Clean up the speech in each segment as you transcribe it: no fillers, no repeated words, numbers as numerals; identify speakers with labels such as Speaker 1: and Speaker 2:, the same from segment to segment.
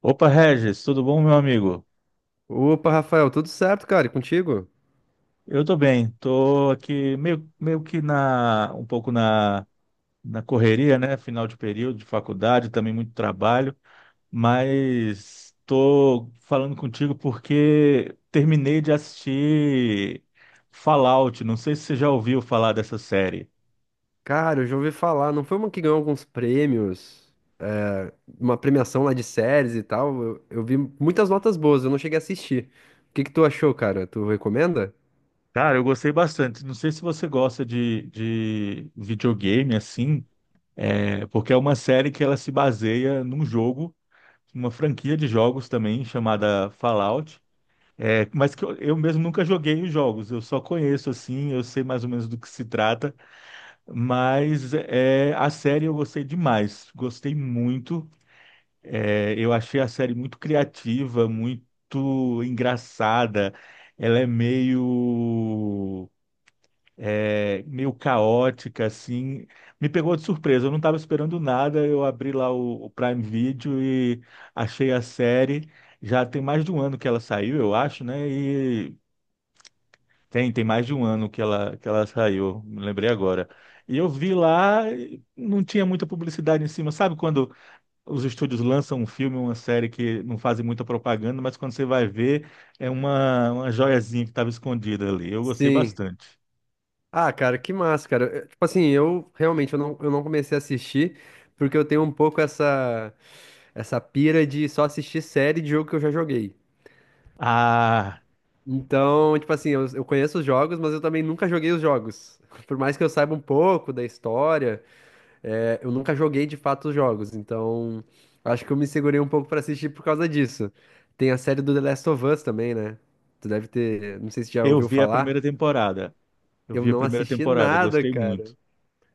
Speaker 1: Opa, Regis, tudo bom, meu amigo?
Speaker 2: Opa, Rafael, tudo certo, cara? E contigo?
Speaker 1: Eu tô bem, tô aqui um pouco na correria, né? Final de período de faculdade, também muito trabalho, mas tô falando contigo porque terminei de assistir Fallout. Não sei se você já ouviu falar dessa série.
Speaker 2: Cara, eu já ouvi falar, não foi uma que ganhou alguns prêmios, é, uma premiação lá de séries e tal? Eu vi muitas notas boas, eu não cheguei a assistir. O que que tu achou, cara? Tu recomenda?
Speaker 1: Cara, eu gostei bastante. Não sei se você gosta de videogame assim, porque é uma série que ela se baseia num jogo. Uma franquia de jogos também chamada Fallout. Mas que eu mesmo nunca joguei os jogos, eu só conheço assim, eu sei mais ou menos do que se trata, a série eu gostei demais, gostei muito. Eu achei a série muito criativa, muito engraçada. Ela é meio caótica, assim. Me pegou de surpresa, eu não estava esperando nada. Eu abri lá o Prime Video e achei a série. Já tem mais de um ano que ela saiu, eu acho, né? E tem mais de um ano que ela saiu, me lembrei agora. E eu vi lá, e não tinha muita publicidade em cima. Sabe quando os estúdios lançam um filme, uma série que não fazem muita propaganda, mas quando você vai ver, é uma joiazinha que estava escondida ali. Eu gostei
Speaker 2: Sim.
Speaker 1: bastante.
Speaker 2: Ah, cara, que massa, cara. Tipo assim, eu não comecei a assistir porque eu tenho um pouco essa pira de só assistir série de jogo que eu já joguei.
Speaker 1: Ah.
Speaker 2: Então, tipo assim, eu conheço os jogos, mas eu também nunca joguei os jogos. Por mais que eu saiba um pouco da história, eu nunca joguei de fato os jogos. Então, acho que eu me segurei um pouco pra assistir por causa disso. Tem a série do The Last of Us também, né? Tu deve ter, não sei se já
Speaker 1: Eu
Speaker 2: ouviu
Speaker 1: vi a primeira
Speaker 2: falar.
Speaker 1: temporada. Eu
Speaker 2: Eu
Speaker 1: vi a
Speaker 2: não
Speaker 1: primeira
Speaker 2: assisti
Speaker 1: temporada,
Speaker 2: nada,
Speaker 1: gostei
Speaker 2: cara.
Speaker 1: muito.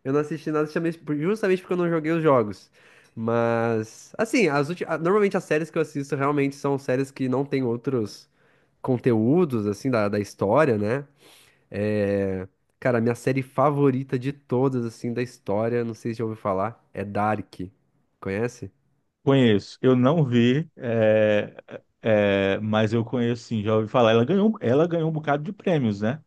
Speaker 2: Eu não assisti nada justamente porque eu não joguei os jogos. Mas, assim, normalmente as séries que eu assisto realmente são séries que não tem outros conteúdos, assim, da história, né? É, Cara, minha série favorita de todas, assim, da história, não sei se já ouviu falar, é Dark. Conhece?
Speaker 1: Conheço. Eu não vi, mas eu conheço sim, já ouvi falar. Ela ganhou um bocado de prêmios, né?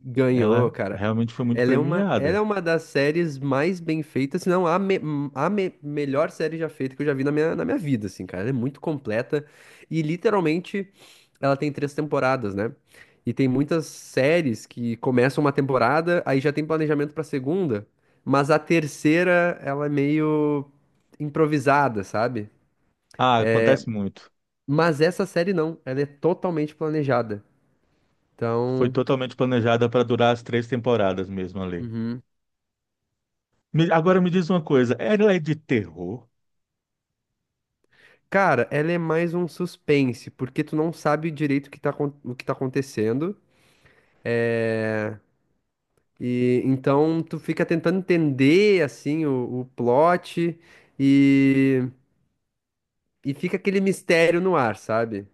Speaker 2: Ganhou,
Speaker 1: Ela
Speaker 2: cara.
Speaker 1: realmente foi muito
Speaker 2: Ela é uma, ela
Speaker 1: premiada.
Speaker 2: é uma das séries mais bem feitas, se não a melhor série já feita que eu já vi na minha vida, assim, cara. Ela é muito completa e literalmente ela tem três temporadas, né? E tem muitas séries que começam uma temporada, aí já tem planejamento pra segunda, mas a terceira, ela é meio improvisada, sabe?
Speaker 1: Ah, acontece muito.
Speaker 2: Mas essa série não, ela é totalmente planejada.
Speaker 1: Foi
Speaker 2: Então.
Speaker 1: totalmente planejada para durar as três temporadas mesmo ali.
Speaker 2: Uhum.
Speaker 1: Agora me diz uma coisa, ela é de terror?
Speaker 2: Cara, ela é mais um suspense, porque tu não sabe direito o que tá acontecendo. É... E então tu fica tentando entender assim o plot e, e fica aquele mistério no ar, sabe?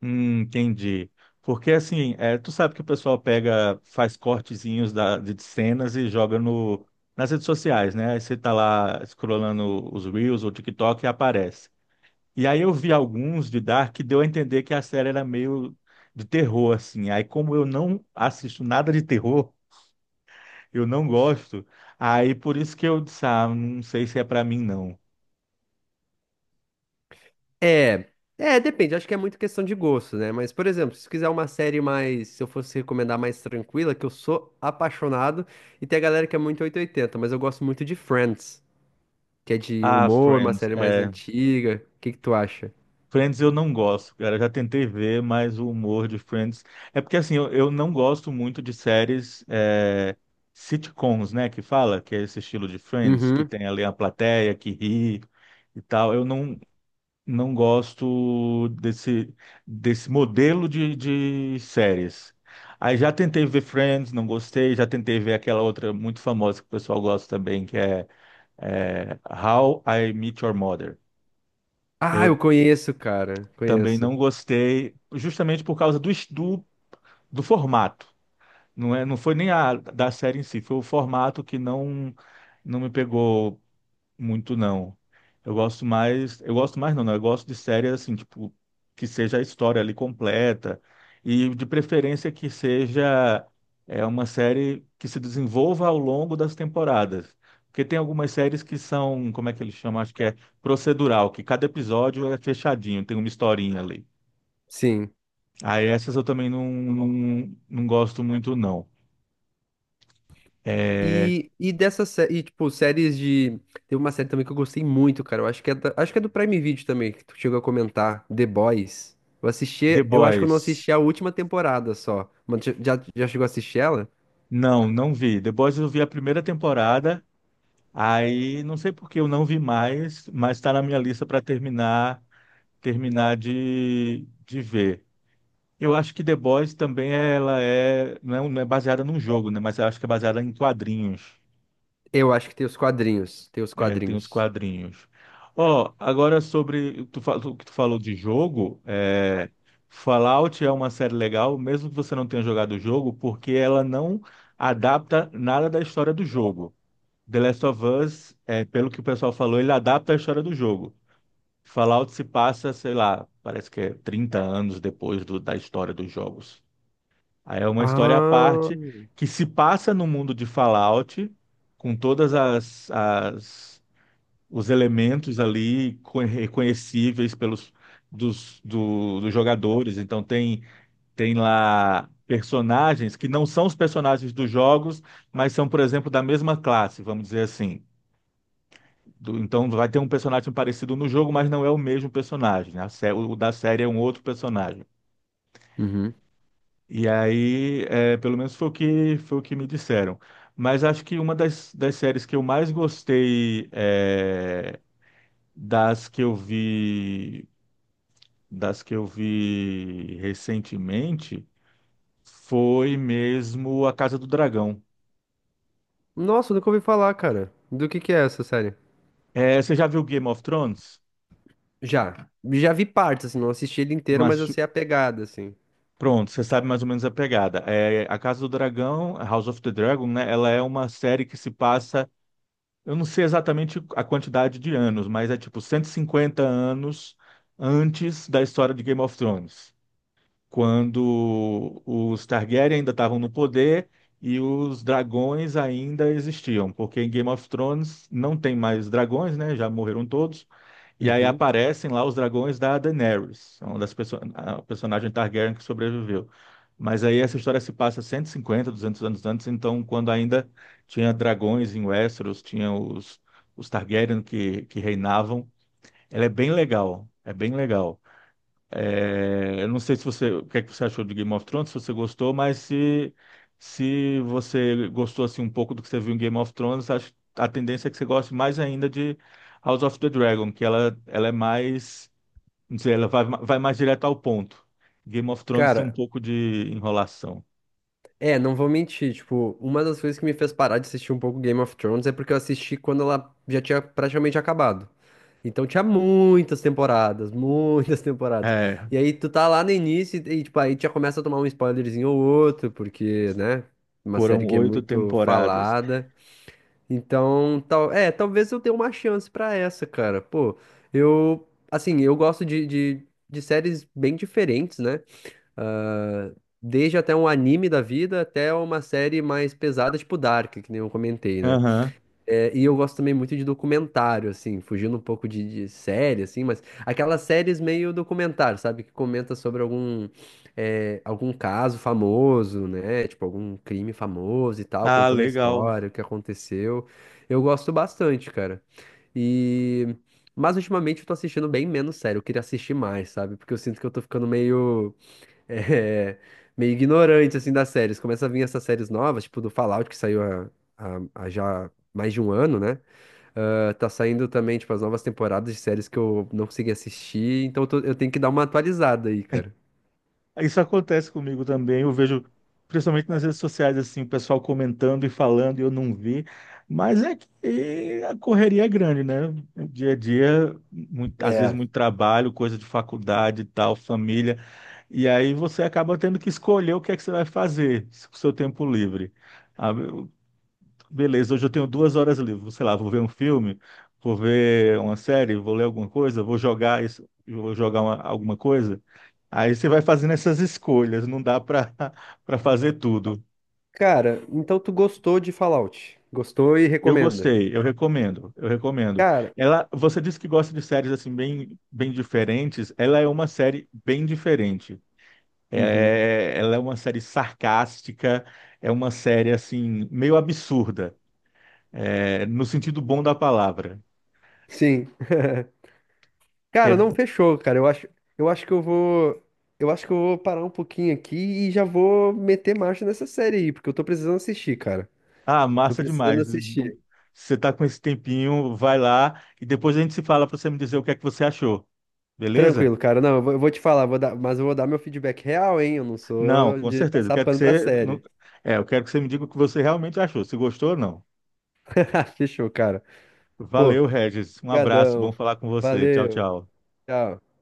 Speaker 1: Entendi. Porque assim, tu sabe que o pessoal pega, faz cortezinhos de cenas e joga no, nas redes sociais, né? Aí você tá lá scrollando os Reels ou TikTok e aparece. E aí eu vi alguns de Dark que deu a entender que a série era meio de terror, assim. Aí como eu não assisto nada de terror, eu não gosto, aí por isso que eu disse, ah, não sei se é pra mim, não.
Speaker 2: É, é, depende, acho que é muito questão de gosto, né? Mas, por exemplo, se quiser uma série mais, se eu fosse recomendar mais tranquila, que eu sou apaixonado, e tem a galera que é muito 880. Mas eu gosto muito de Friends, que é de
Speaker 1: Ah,
Speaker 2: humor, uma
Speaker 1: Friends.
Speaker 2: série mais antiga. O que que tu acha?
Speaker 1: Friends eu não gosto, cara. Eu já tentei ver, mas o humor de Friends. É porque assim, eu não gosto muito de séries sitcoms, né? Que fala, que é esse estilo de Friends, que
Speaker 2: Uhum.
Speaker 1: tem ali a plateia que ri e tal. Eu não, não gosto desse modelo de séries. Aí já tentei ver Friends, não gostei. Já tentei ver aquela outra muito famosa que o pessoal gosta também, é How I Met Your Mother.
Speaker 2: Ah, eu
Speaker 1: Eu
Speaker 2: conheço, cara,
Speaker 1: também
Speaker 2: conheço.
Speaker 1: não gostei, justamente por causa do formato. Não foi nem a da série em si, foi o formato que não não me pegou muito, não. Eu gosto mais não, não, eu gosto de séries assim, tipo, que seja a história ali completa e de preferência que seja uma série que se desenvolva ao longo das temporadas. Porque tem algumas séries que são, como é que eles chamam? Acho que é procedural, que cada episódio é fechadinho, tem uma historinha ali.
Speaker 2: Sim.
Speaker 1: Aí essas eu também não gosto muito, não. É,
Speaker 2: E dessa série, tipo, séries de. Tem uma série também que eu gostei muito, cara. Eu acho que é, da- acho que é do Prime Video também, que tu chegou a comentar, The Boys. Eu
Speaker 1: The
Speaker 2: assisti, eu acho que eu não
Speaker 1: Boys.
Speaker 2: assisti a última temporada só. Mas já, já já chegou a assistir ela?
Speaker 1: Não, não vi. The Boys eu vi a primeira temporada, aí não sei por que eu não vi mais, mas está na minha lista para terminar, terminar de ver. Eu acho que The Boys também ela é, não é baseada num jogo, né? Mas eu acho que é baseada em quadrinhos.
Speaker 2: Eu acho que tem os quadrinhos. Tem os
Speaker 1: É, tem os
Speaker 2: quadrinhos.
Speaker 1: quadrinhos. Ó, agora sobre tu, o que tu falou de jogo, Fallout é uma série legal, mesmo que você não tenha jogado o jogo, porque ela não adapta nada da história do jogo. The Last of Us, pelo que o pessoal falou, ele adapta a história do jogo. Fallout se passa, sei lá, parece que é 30 anos depois da história dos jogos. Aí é uma história à
Speaker 2: Ah.
Speaker 1: parte que se passa no mundo de Fallout, com todas as, as os elementos ali reconhecíveis pelos dos jogadores. Então tem lá personagens que não são os personagens dos jogos, mas são, por exemplo, da mesma classe, vamos dizer assim. Então vai ter um personagem parecido no jogo, mas não é o mesmo personagem, né? O da série é um outro personagem.
Speaker 2: Uhum.
Speaker 1: E aí, pelo menos foi o que me disseram. Mas acho que uma das séries que eu mais gostei, das que eu vi, recentemente, foi mesmo A Casa do Dragão.
Speaker 2: Nossa, eu nunca ouvi falar, cara. Do que é essa série?
Speaker 1: É, você já viu Game of Thrones?
Speaker 2: Já. Já vi partes, assim, não assisti ele
Speaker 1: Não
Speaker 2: inteiro, mas eu
Speaker 1: assistiu?
Speaker 2: sei a pegada, assim.
Speaker 1: Pronto, você sabe mais ou menos a pegada. É, A Casa do Dragão, House of the Dragon, né? Ela é uma série que se passa, eu não sei exatamente a quantidade de anos, mas é tipo 150 anos antes da história de Game of Thrones, quando os Targaryen ainda estavam no poder e os dragões ainda existiam, porque em Game of Thrones não tem mais dragões, né? Já morreram todos. E aí
Speaker 2: Uhum.
Speaker 1: aparecem lá os dragões da Daenerys, é uma das perso a personagem Targaryen que sobreviveu. Mas aí essa história se passa 150, 200 anos antes, então quando ainda tinha dragões em Westeros, tinha os Targaryen que reinavam. Ela é bem legal, é bem legal. É, eu não sei se você, o que é que você achou de Game of Thrones, se você gostou, mas se você gostou assim um pouco do que você viu em Game of Thrones, acho, a tendência é que você goste mais ainda de House of the Dragon, que ela é mais, não sei, vai mais direto ao ponto. Game of Thrones tem um
Speaker 2: Cara,
Speaker 1: pouco de enrolação.
Speaker 2: Não vou mentir, tipo, uma das coisas que me fez parar de assistir um pouco Game of Thrones é porque eu assisti quando ela já tinha praticamente acabado. Então tinha muitas temporadas, muitas temporadas.
Speaker 1: É,
Speaker 2: E aí tu tá lá no início e, tipo, aí já começa a tomar um spoilerzinho ou outro, porque, né, uma
Speaker 1: foram
Speaker 2: série que é
Speaker 1: oito
Speaker 2: muito
Speaker 1: temporadas.
Speaker 2: falada. Então, tal, talvez eu tenha uma chance pra essa, cara. Pô, eu, assim, eu gosto de séries bem diferentes, né? Ah, desde até um anime da vida até uma série mais pesada, tipo Dark, que nem eu comentei, né?
Speaker 1: Aham.
Speaker 2: E eu gosto também muito de documentário, assim, fugindo um pouco de série, assim, mas aquelas séries meio documentário, sabe? Que comenta sobre algum caso famoso, né? Tipo, algum crime famoso e tal,
Speaker 1: Ah,
Speaker 2: contando a
Speaker 1: legal.
Speaker 2: história, o que aconteceu. Eu gosto bastante, cara. E. Mas ultimamente eu tô assistindo bem menos sério, eu queria assistir mais, sabe? Porque eu sinto que eu tô ficando é, meio ignorante, assim, das séries. Começa a vir essas séries novas, tipo do Fallout, que saiu há já mais de um ano, né? Ah, tá saindo também, tipo, as novas temporadas de séries que eu não consegui assistir, então eu tenho que dar uma atualizada aí, cara.
Speaker 1: Isso acontece comigo também. Eu vejo, principalmente nas redes sociais, assim, o pessoal comentando e falando e eu não vi. Mas é que a correria é grande, né? Dia a dia, às vezes
Speaker 2: É.
Speaker 1: muito trabalho, coisa de faculdade, e tal, família. E aí você acaba tendo que escolher o que é que você vai fazer com o seu tempo livre. Ah, eu- Beleza, hoje eu tenho 2 horas livres. Sei lá, vou ver um filme, vou ver uma série, vou ler alguma coisa, vou jogar isso, vou jogar alguma coisa. Aí você vai fazendo essas escolhas, não dá para para fazer tudo.
Speaker 2: Cara, então tu gostou de Fallout? Gostou e
Speaker 1: Eu
Speaker 2: recomenda?
Speaker 1: gostei, eu recomendo, eu recomendo.
Speaker 2: Cara.
Speaker 1: Ela, você disse que gosta de séries assim bem diferentes. Ela é uma série bem diferente.
Speaker 2: Uhum.
Speaker 1: Ela é uma série sarcástica, é uma série assim meio absurda, é, no sentido bom da palavra.
Speaker 2: Sim. Cara,
Speaker 1: É,
Speaker 2: não fechou, cara. Eu acho que eu vou, eu acho que eu vou parar um pouquinho aqui e já vou meter marcha nessa série aí, porque eu tô precisando assistir, cara.
Speaker 1: ah,
Speaker 2: Tô
Speaker 1: massa
Speaker 2: precisando
Speaker 1: demais.
Speaker 2: assistir.
Speaker 1: Você tá com esse tempinho, vai lá e depois a gente se fala para você me dizer o que é que você achou, beleza?
Speaker 2: Tranquilo, cara. Não, eu vou te falar, mas eu vou dar meu feedback real, hein? Eu não
Speaker 1: Não,
Speaker 2: sou
Speaker 1: com
Speaker 2: de
Speaker 1: certeza. Eu
Speaker 2: passar
Speaker 1: quero que
Speaker 2: pano pra
Speaker 1: você,
Speaker 2: série.
Speaker 1: eu quero que você me diga o que você realmente achou, se gostou ou não.
Speaker 2: Fechou, cara.
Speaker 1: Valeu,
Speaker 2: Pô,
Speaker 1: Regis. Um abraço, bom
Speaker 2: brigadão.
Speaker 1: falar com você. Tchau,
Speaker 2: Valeu.
Speaker 1: tchau.
Speaker 2: Tchau.